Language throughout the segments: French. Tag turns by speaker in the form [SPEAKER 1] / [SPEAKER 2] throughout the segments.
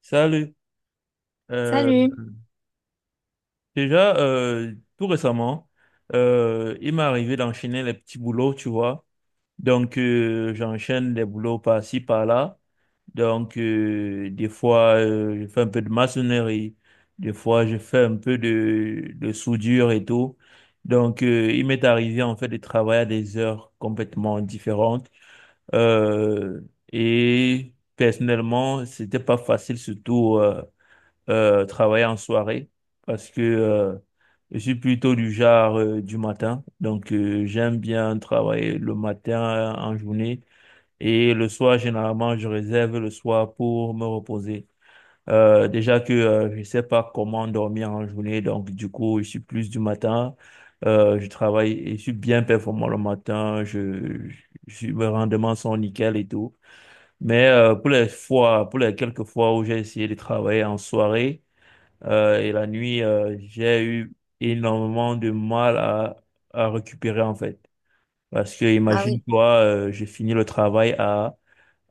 [SPEAKER 1] Salut. Euh,
[SPEAKER 2] Salut.
[SPEAKER 1] Déjà, tout récemment, il m'est arrivé d'enchaîner les petits boulots, tu vois. Donc, j'enchaîne des boulots par-ci, par-là. Donc, des fois, je fais un peu de maçonnerie. Des fois, je fais un peu de soudure et tout. Donc, il m'est arrivé, en fait, de travailler à des heures complètement différentes. Euh, et personnellement, c'était pas facile, surtout travailler en soirée parce que je suis plutôt du genre du matin. Donc, j'aime bien travailler le matin en journée, et le soir, généralement, je réserve le soir pour me reposer. Déjà que je sais pas comment dormir en journée, donc du coup, je suis plus du matin. Je travaille et je suis bien performant le matin. Mes rendements sont nickel et tout. Mais pour les fois, pour les quelques fois où j'ai essayé de travailler en soirée, et la nuit, j'ai eu énormément de mal à récupérer en fait. Parce que
[SPEAKER 2] Ah oui.
[SPEAKER 1] imagine-toi, j'ai fini le travail à,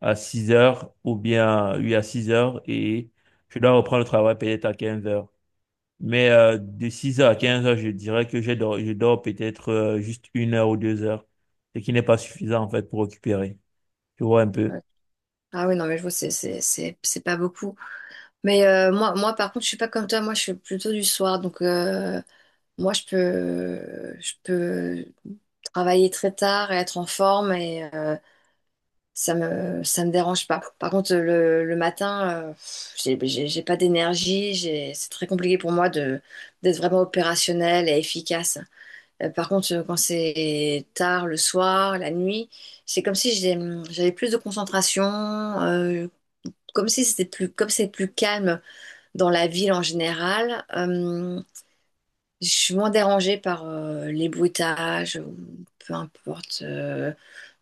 [SPEAKER 1] à 6 h ou bien, oui, à 6 h, et je dois reprendre le travail peut-être à 15 h. Mais de 6 h à 15 h, je dirais que je dors peut-être juste une heure ou 2 heures, ce qui n'est pas suffisant en fait pour récupérer. Tu vois un peu.
[SPEAKER 2] Ouais. Ah oui, non, mais je vois, c'est pas beaucoup. Mais moi, par contre, je suis pas comme toi. Moi, je suis plutôt du soir. Donc, moi, je peux travailler très tard et être en forme et ça me dérange pas. Par contre, le matin, pff, j'ai pas d'énergie. C'est très compliqué pour moi de, d'être vraiment opérationnelle et efficace. Par contre, quand c'est tard, le soir, la nuit, c'est comme si j'avais plus de concentration, comme si comme c'est plus calme dans la ville en général. Je suis moins dérangée par les bruitages, ou peu importe,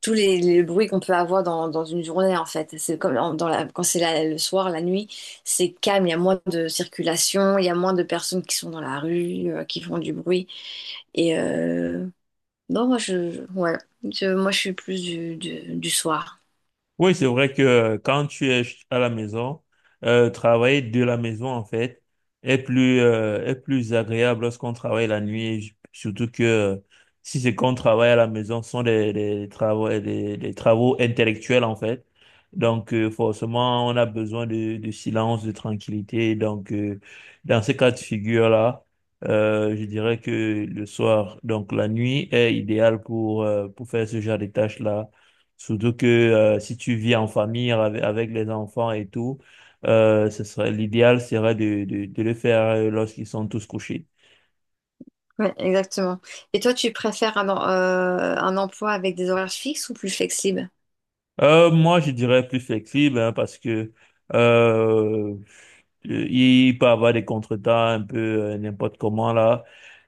[SPEAKER 2] les bruits qu'on peut avoir dans une journée en fait. Quand c'est le soir, la nuit, c'est calme, il y a moins de circulation, il y a moins de personnes qui sont dans la rue, qui font du bruit. Et euh, non, voilà. Moi, je suis plus du soir.
[SPEAKER 1] Oui, c'est vrai que quand tu es à la maison, travailler de la maison, en fait, est est plus agréable lorsqu'on travaille la nuit, surtout que si c'est qu'on travaille à la maison, ce sont des travaux, des travaux intellectuels, en fait. Donc, forcément, on a besoin de silence, de tranquillité. Donc, dans ces cas de figure-là, je dirais que le soir, donc la nuit est idéale pour faire ce genre de tâches-là. Surtout que si tu vis en famille avec les enfants et tout, ce serait l'idéal serait de le faire lorsqu'ils sont tous couchés.
[SPEAKER 2] Ouais, exactement. Et toi, tu préfères un emploi avec des horaires fixes ou plus flexibles?
[SPEAKER 1] Moi, je dirais plus flexible hein, parce que euh, il peut avoir des contretemps un peu n'importe comment là.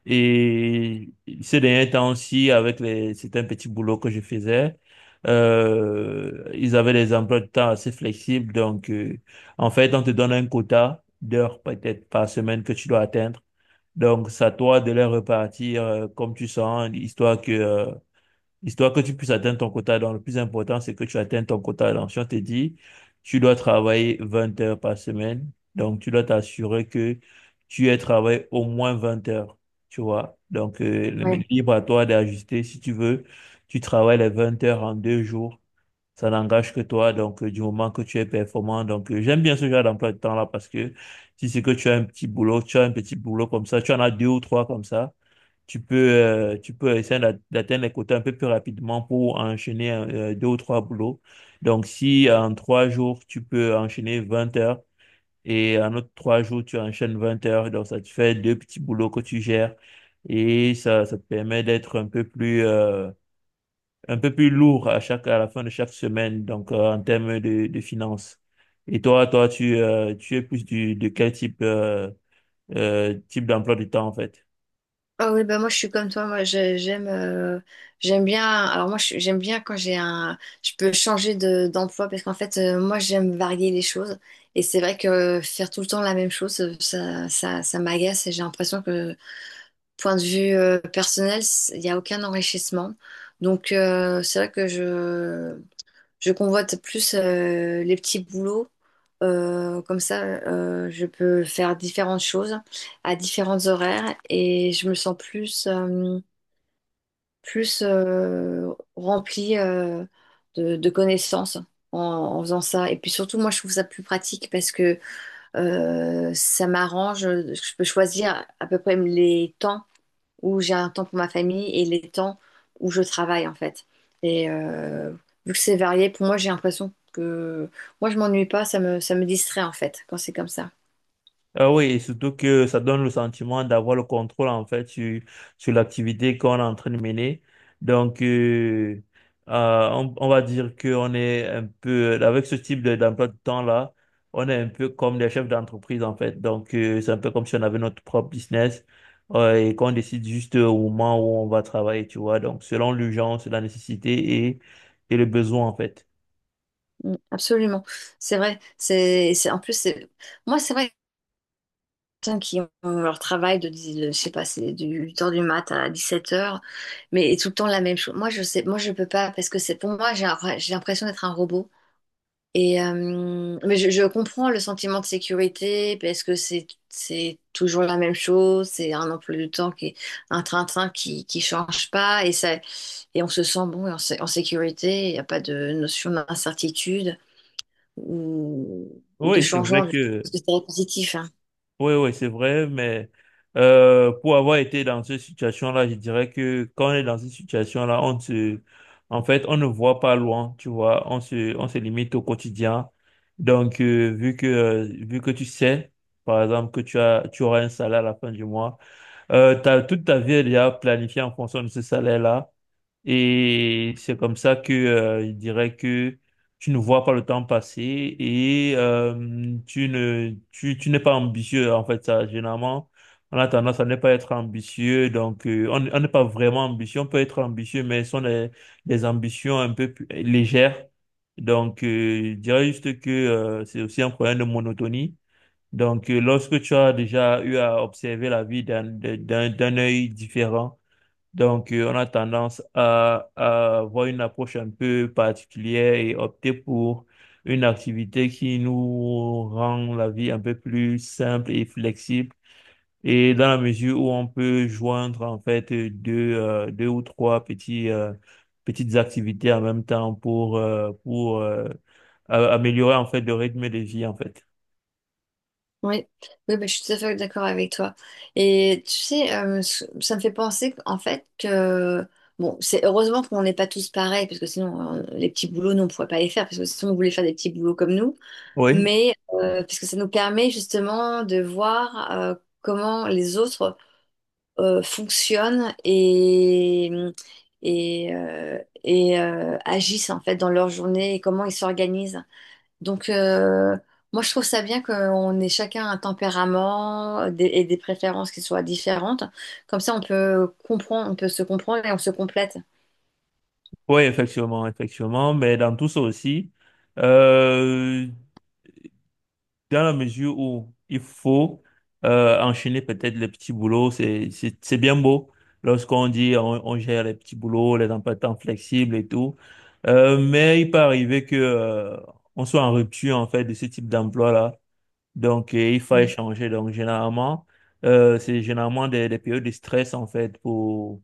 [SPEAKER 1] Et ces derniers temps aussi, avec les certains petits boulots que je faisais, ils avaient des emplois de temps assez flexibles. Donc, en fait, on te donne un quota d'heures peut-être par semaine que tu dois atteindre. Donc, c'est à toi de les repartir comme tu sens, histoire que tu puisses atteindre ton quota d'heures. Le plus important, c'est que tu atteignes ton quota d'heures. Si on te dit, tu dois travailler 20 heures par semaine, donc tu dois t'assurer que tu aies travaillé au moins 20 heures. Tu vois? Donc, mais
[SPEAKER 2] Ouais.
[SPEAKER 1] libre à toi d'ajuster. Si tu veux, tu travailles les 20 heures en deux jours. Ça n'engage que toi. Donc, du moment que tu es performant. Donc, j'aime bien ce genre d'emploi de temps-là, parce que si c'est que tu as un petit boulot, tu as un petit boulot comme ça, tu en as deux ou trois comme ça, tu peux essayer d'atteindre les quotas un peu plus rapidement pour enchaîner deux ou trois boulots. Donc, si en trois jours, tu peux enchaîner 20 heures, et en autre trois jours, tu enchaînes 20 heures, donc ça te fait deux petits boulots que tu gères, et ça te permet d'être un peu un peu plus lourd à chaque, à la fin de chaque semaine, donc en termes de finances. Et toi, tu es plus de quel type type d'emploi du temps en fait?
[SPEAKER 2] Ah oui, bah moi, je suis comme toi. J'aime j'aime bien. Alors, j'aime bien quand j'ai un. Je peux changer d'emploi parce qu'en fait, moi, j'aime varier les choses. Et c'est vrai que faire tout le temps la même chose, ça m'agace et j'ai l'impression que, point de vue personnel, il n'y a aucun enrichissement. Donc, c'est vrai que je. Je convoite plus les petits boulots. Comme ça, je peux faire différentes choses à différents horaires et je me sens plus, plus remplie de connaissances en faisant ça. Et puis surtout, moi, je trouve ça plus pratique parce que ça m'arrange. Je peux choisir à peu près les temps où j'ai un temps pour ma famille et les temps où je travaille en fait. Et euh, vu que c'est varié, pour moi j'ai l'impression que moi je m'ennuie pas, ça me distrait en fait quand c'est comme ça.
[SPEAKER 1] Ah oui, et surtout que ça donne le sentiment d'avoir le contrôle en fait sur l'activité qu'on est en train de mener. Donc, on va dire qu'on est un peu, avec ce d'emploi de temps-là, on est un peu comme des chefs d'entreprise en fait. Donc, c'est un peu comme si on avait notre propre business et qu'on décide juste au moment où on va travailler, tu vois. Donc, selon l'urgence, la nécessité et le besoin en fait.
[SPEAKER 2] Mm, absolument, c'est vrai. En plus c'est moi c'est vrai. Que les Personnes qui ont leur travail je sais pas, c'est du 8 h du mat à 17 h, mais tout le temps la même chose. Moi, je peux pas parce que c'est pour moi, j'ai l'impression d'être un robot. Mais je comprends le sentiment de sécurité parce que c'est toujours la même chose, c'est un emploi du temps qui est un train-train qui change pas et ça et on se sent bon et en sécurité, il n'y a pas de notion d'incertitude ou de
[SPEAKER 1] Oui, c'est
[SPEAKER 2] changeant,
[SPEAKER 1] vrai
[SPEAKER 2] parce que
[SPEAKER 1] que
[SPEAKER 2] c'est très positif, hein.
[SPEAKER 1] Oui, oui, c'est vrai, mais pour avoir été dans cette situation-là, je dirais que quand on est dans cette situation-là, en fait, on ne voit pas loin, tu vois, on se limite au quotidien. Donc, vu que tu sais, par exemple, que tu auras un salaire à la fin du mois. Toute ta vie, elle est déjà planifiée en fonction de ce salaire-là. Et c'est comme ça que il dirait que tu ne vois pas le temps passer, et tu ne tu, tu n'es pas ambitieux en fait. Ça généralement on a tendance à ne pas être ambitieux, donc on n'est pas vraiment ambitieux. On peut être ambitieux, mais ce sont des ambitions un peu plus légères. Donc je dirais juste que c'est aussi un problème de monotonie. Donc, lorsque tu as déjà eu à observer la vie d'un de- d'un d'un œil différent, donc on a tendance à avoir une approche un peu particulière, et opter pour une activité qui nous rend la vie un peu plus simple et flexible. Et dans la mesure où on peut joindre en fait deux ou trois petites activités en même temps, pour améliorer en fait le rythme de vie en fait.
[SPEAKER 2] Oui, oui bah, je suis tout à fait d'accord avec toi. Et tu sais, ça me fait penser qu'en fait que, bon, c'est heureusement qu'on n'est pas tous pareils, parce que sinon, les petits boulots, nous, on ne pourrait pas les faire, parce que si on voulait faire des petits boulots comme nous,
[SPEAKER 1] Oui,
[SPEAKER 2] mais parce que ça nous permet justement de voir comment les autres fonctionnent et, euh, et agissent en fait dans leur journée et comment ils s'organisent. Donc, moi, je trouve ça bien qu'on ait chacun un tempérament et des préférences qui soient différentes. Comme ça, on peut comprendre, on peut se comprendre et on se complète.
[SPEAKER 1] oui, effectivement, effectivement, mais dans tout ça aussi, euh, dans la mesure où il faut enchaîner peut-être les petits boulots. C'est bien beau lorsqu'on dit on gère les petits boulots, les emplois de temps flexibles et tout, mais il peut arriver que on soit en rupture en fait de ce type d'emploi-là. Donc il faut
[SPEAKER 2] Mm.
[SPEAKER 1] échanger. Donc généralement, c'est généralement des périodes de stress en fait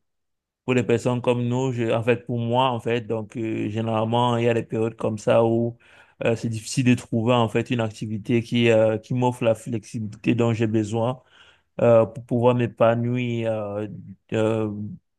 [SPEAKER 1] pour les personnes comme nous, en fait, pour moi, en fait. Donc, généralement, il y a des périodes comme ça où c'est difficile de trouver, en fait, une activité qui m'offre la flexibilité dont j'ai besoin pour pouvoir m'épanouir euh,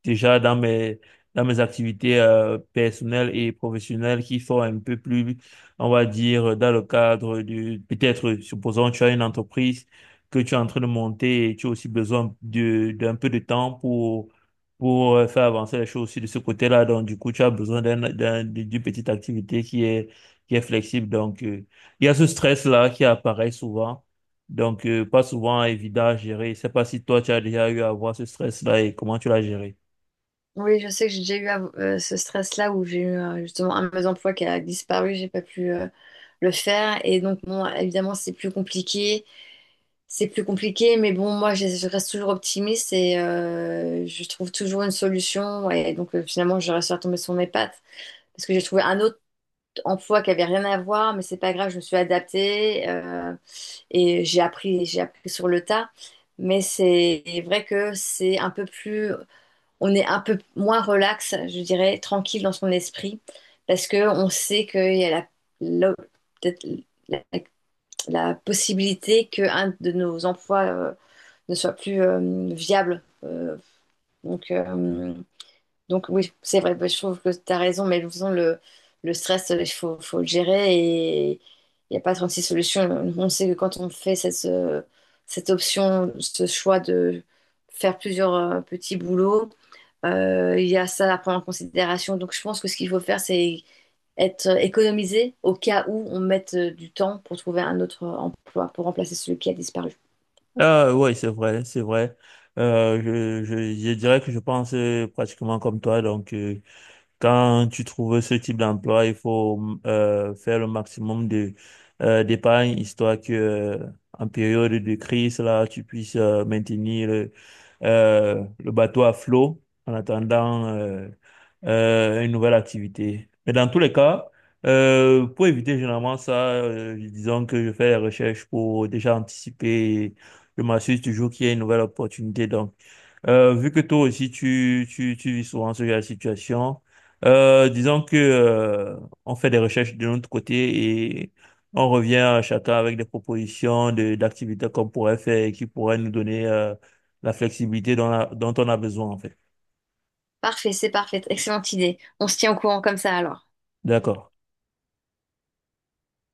[SPEAKER 1] déjà dans dans mes activités personnelles et professionnelles, qui sont un peu plus, on va dire, dans le cadre du, peut-être, supposons, tu as une entreprise que tu es en train de monter, et tu as aussi besoin d'un peu de temps pour faire avancer les choses aussi de ce côté-là. Donc, du coup, tu as besoin d'une petite activité qui est flexible. Donc, il y a ce stress-là qui apparaît souvent. Donc, pas souvent évident à gérer. Je sais pas si toi, tu as déjà eu à avoir ce stress-là, et comment tu l'as géré.
[SPEAKER 2] Oui, je sais que j'ai déjà eu à- ce stress-là où j'ai eu justement un de mes emplois qui a disparu, j'ai pas pu le faire. Et donc, bon, évidemment, c'est plus compliqué. C'est plus compliqué, mais bon, je reste toujours optimiste et je trouve toujours une solution. Et donc, finalement, je reste retombée sur mes pattes parce que j'ai trouvé un autre emploi qui avait rien à voir, mais c'est pas grave, je me suis adaptée, et j'ai appris sur le tas. Mais c'est vrai que c'est un peu plus, on est un peu moins relax, je dirais, tranquille dans son esprit, parce que on sait qu'il y a la- peut-être la- la possibilité que un de nos emplois ne soit plus viable. Donc, euh, donc oui, c'est vrai, bah, je trouve que tu as raison, mais de toute façon, le stress, faut le gérer et il n'y a pas 36 solutions. On sait que quand on fait cette option, ce choix de faire plusieurs petits boulots, il y a ça à prendre en considération. Donc je pense que ce qu'il faut faire, c'est être économisé au cas où on mette du temps pour trouver un autre emploi, pour remplacer celui qui a disparu.
[SPEAKER 1] Ah, oui, c'est vrai, c'est vrai. Je dirais que je pense pratiquement comme toi. Donc, quand tu trouves ce type d'emploi, il faut faire le maximum de d'épargne, histoire que en période de crise, là, tu puisses maintenir le bateau à flot en attendant une nouvelle activité. Mais dans tous les cas, pour éviter généralement ça, disons que je fais des recherches pour déjà anticiper. Je m'assure toujours qu'il y a une nouvelle opportunité. Donc, vu que toi aussi tu vis souvent ce genre de situation, disons que on fait des recherches de notre côté, et on revient à chacun avec des propositions de d'activités qu'on pourrait faire, et qui pourraient nous donner la flexibilité dont on a besoin en fait.
[SPEAKER 2] Parfait, c'est parfait, excellente idée. On se tient au courant comme ça alors.
[SPEAKER 1] D'accord.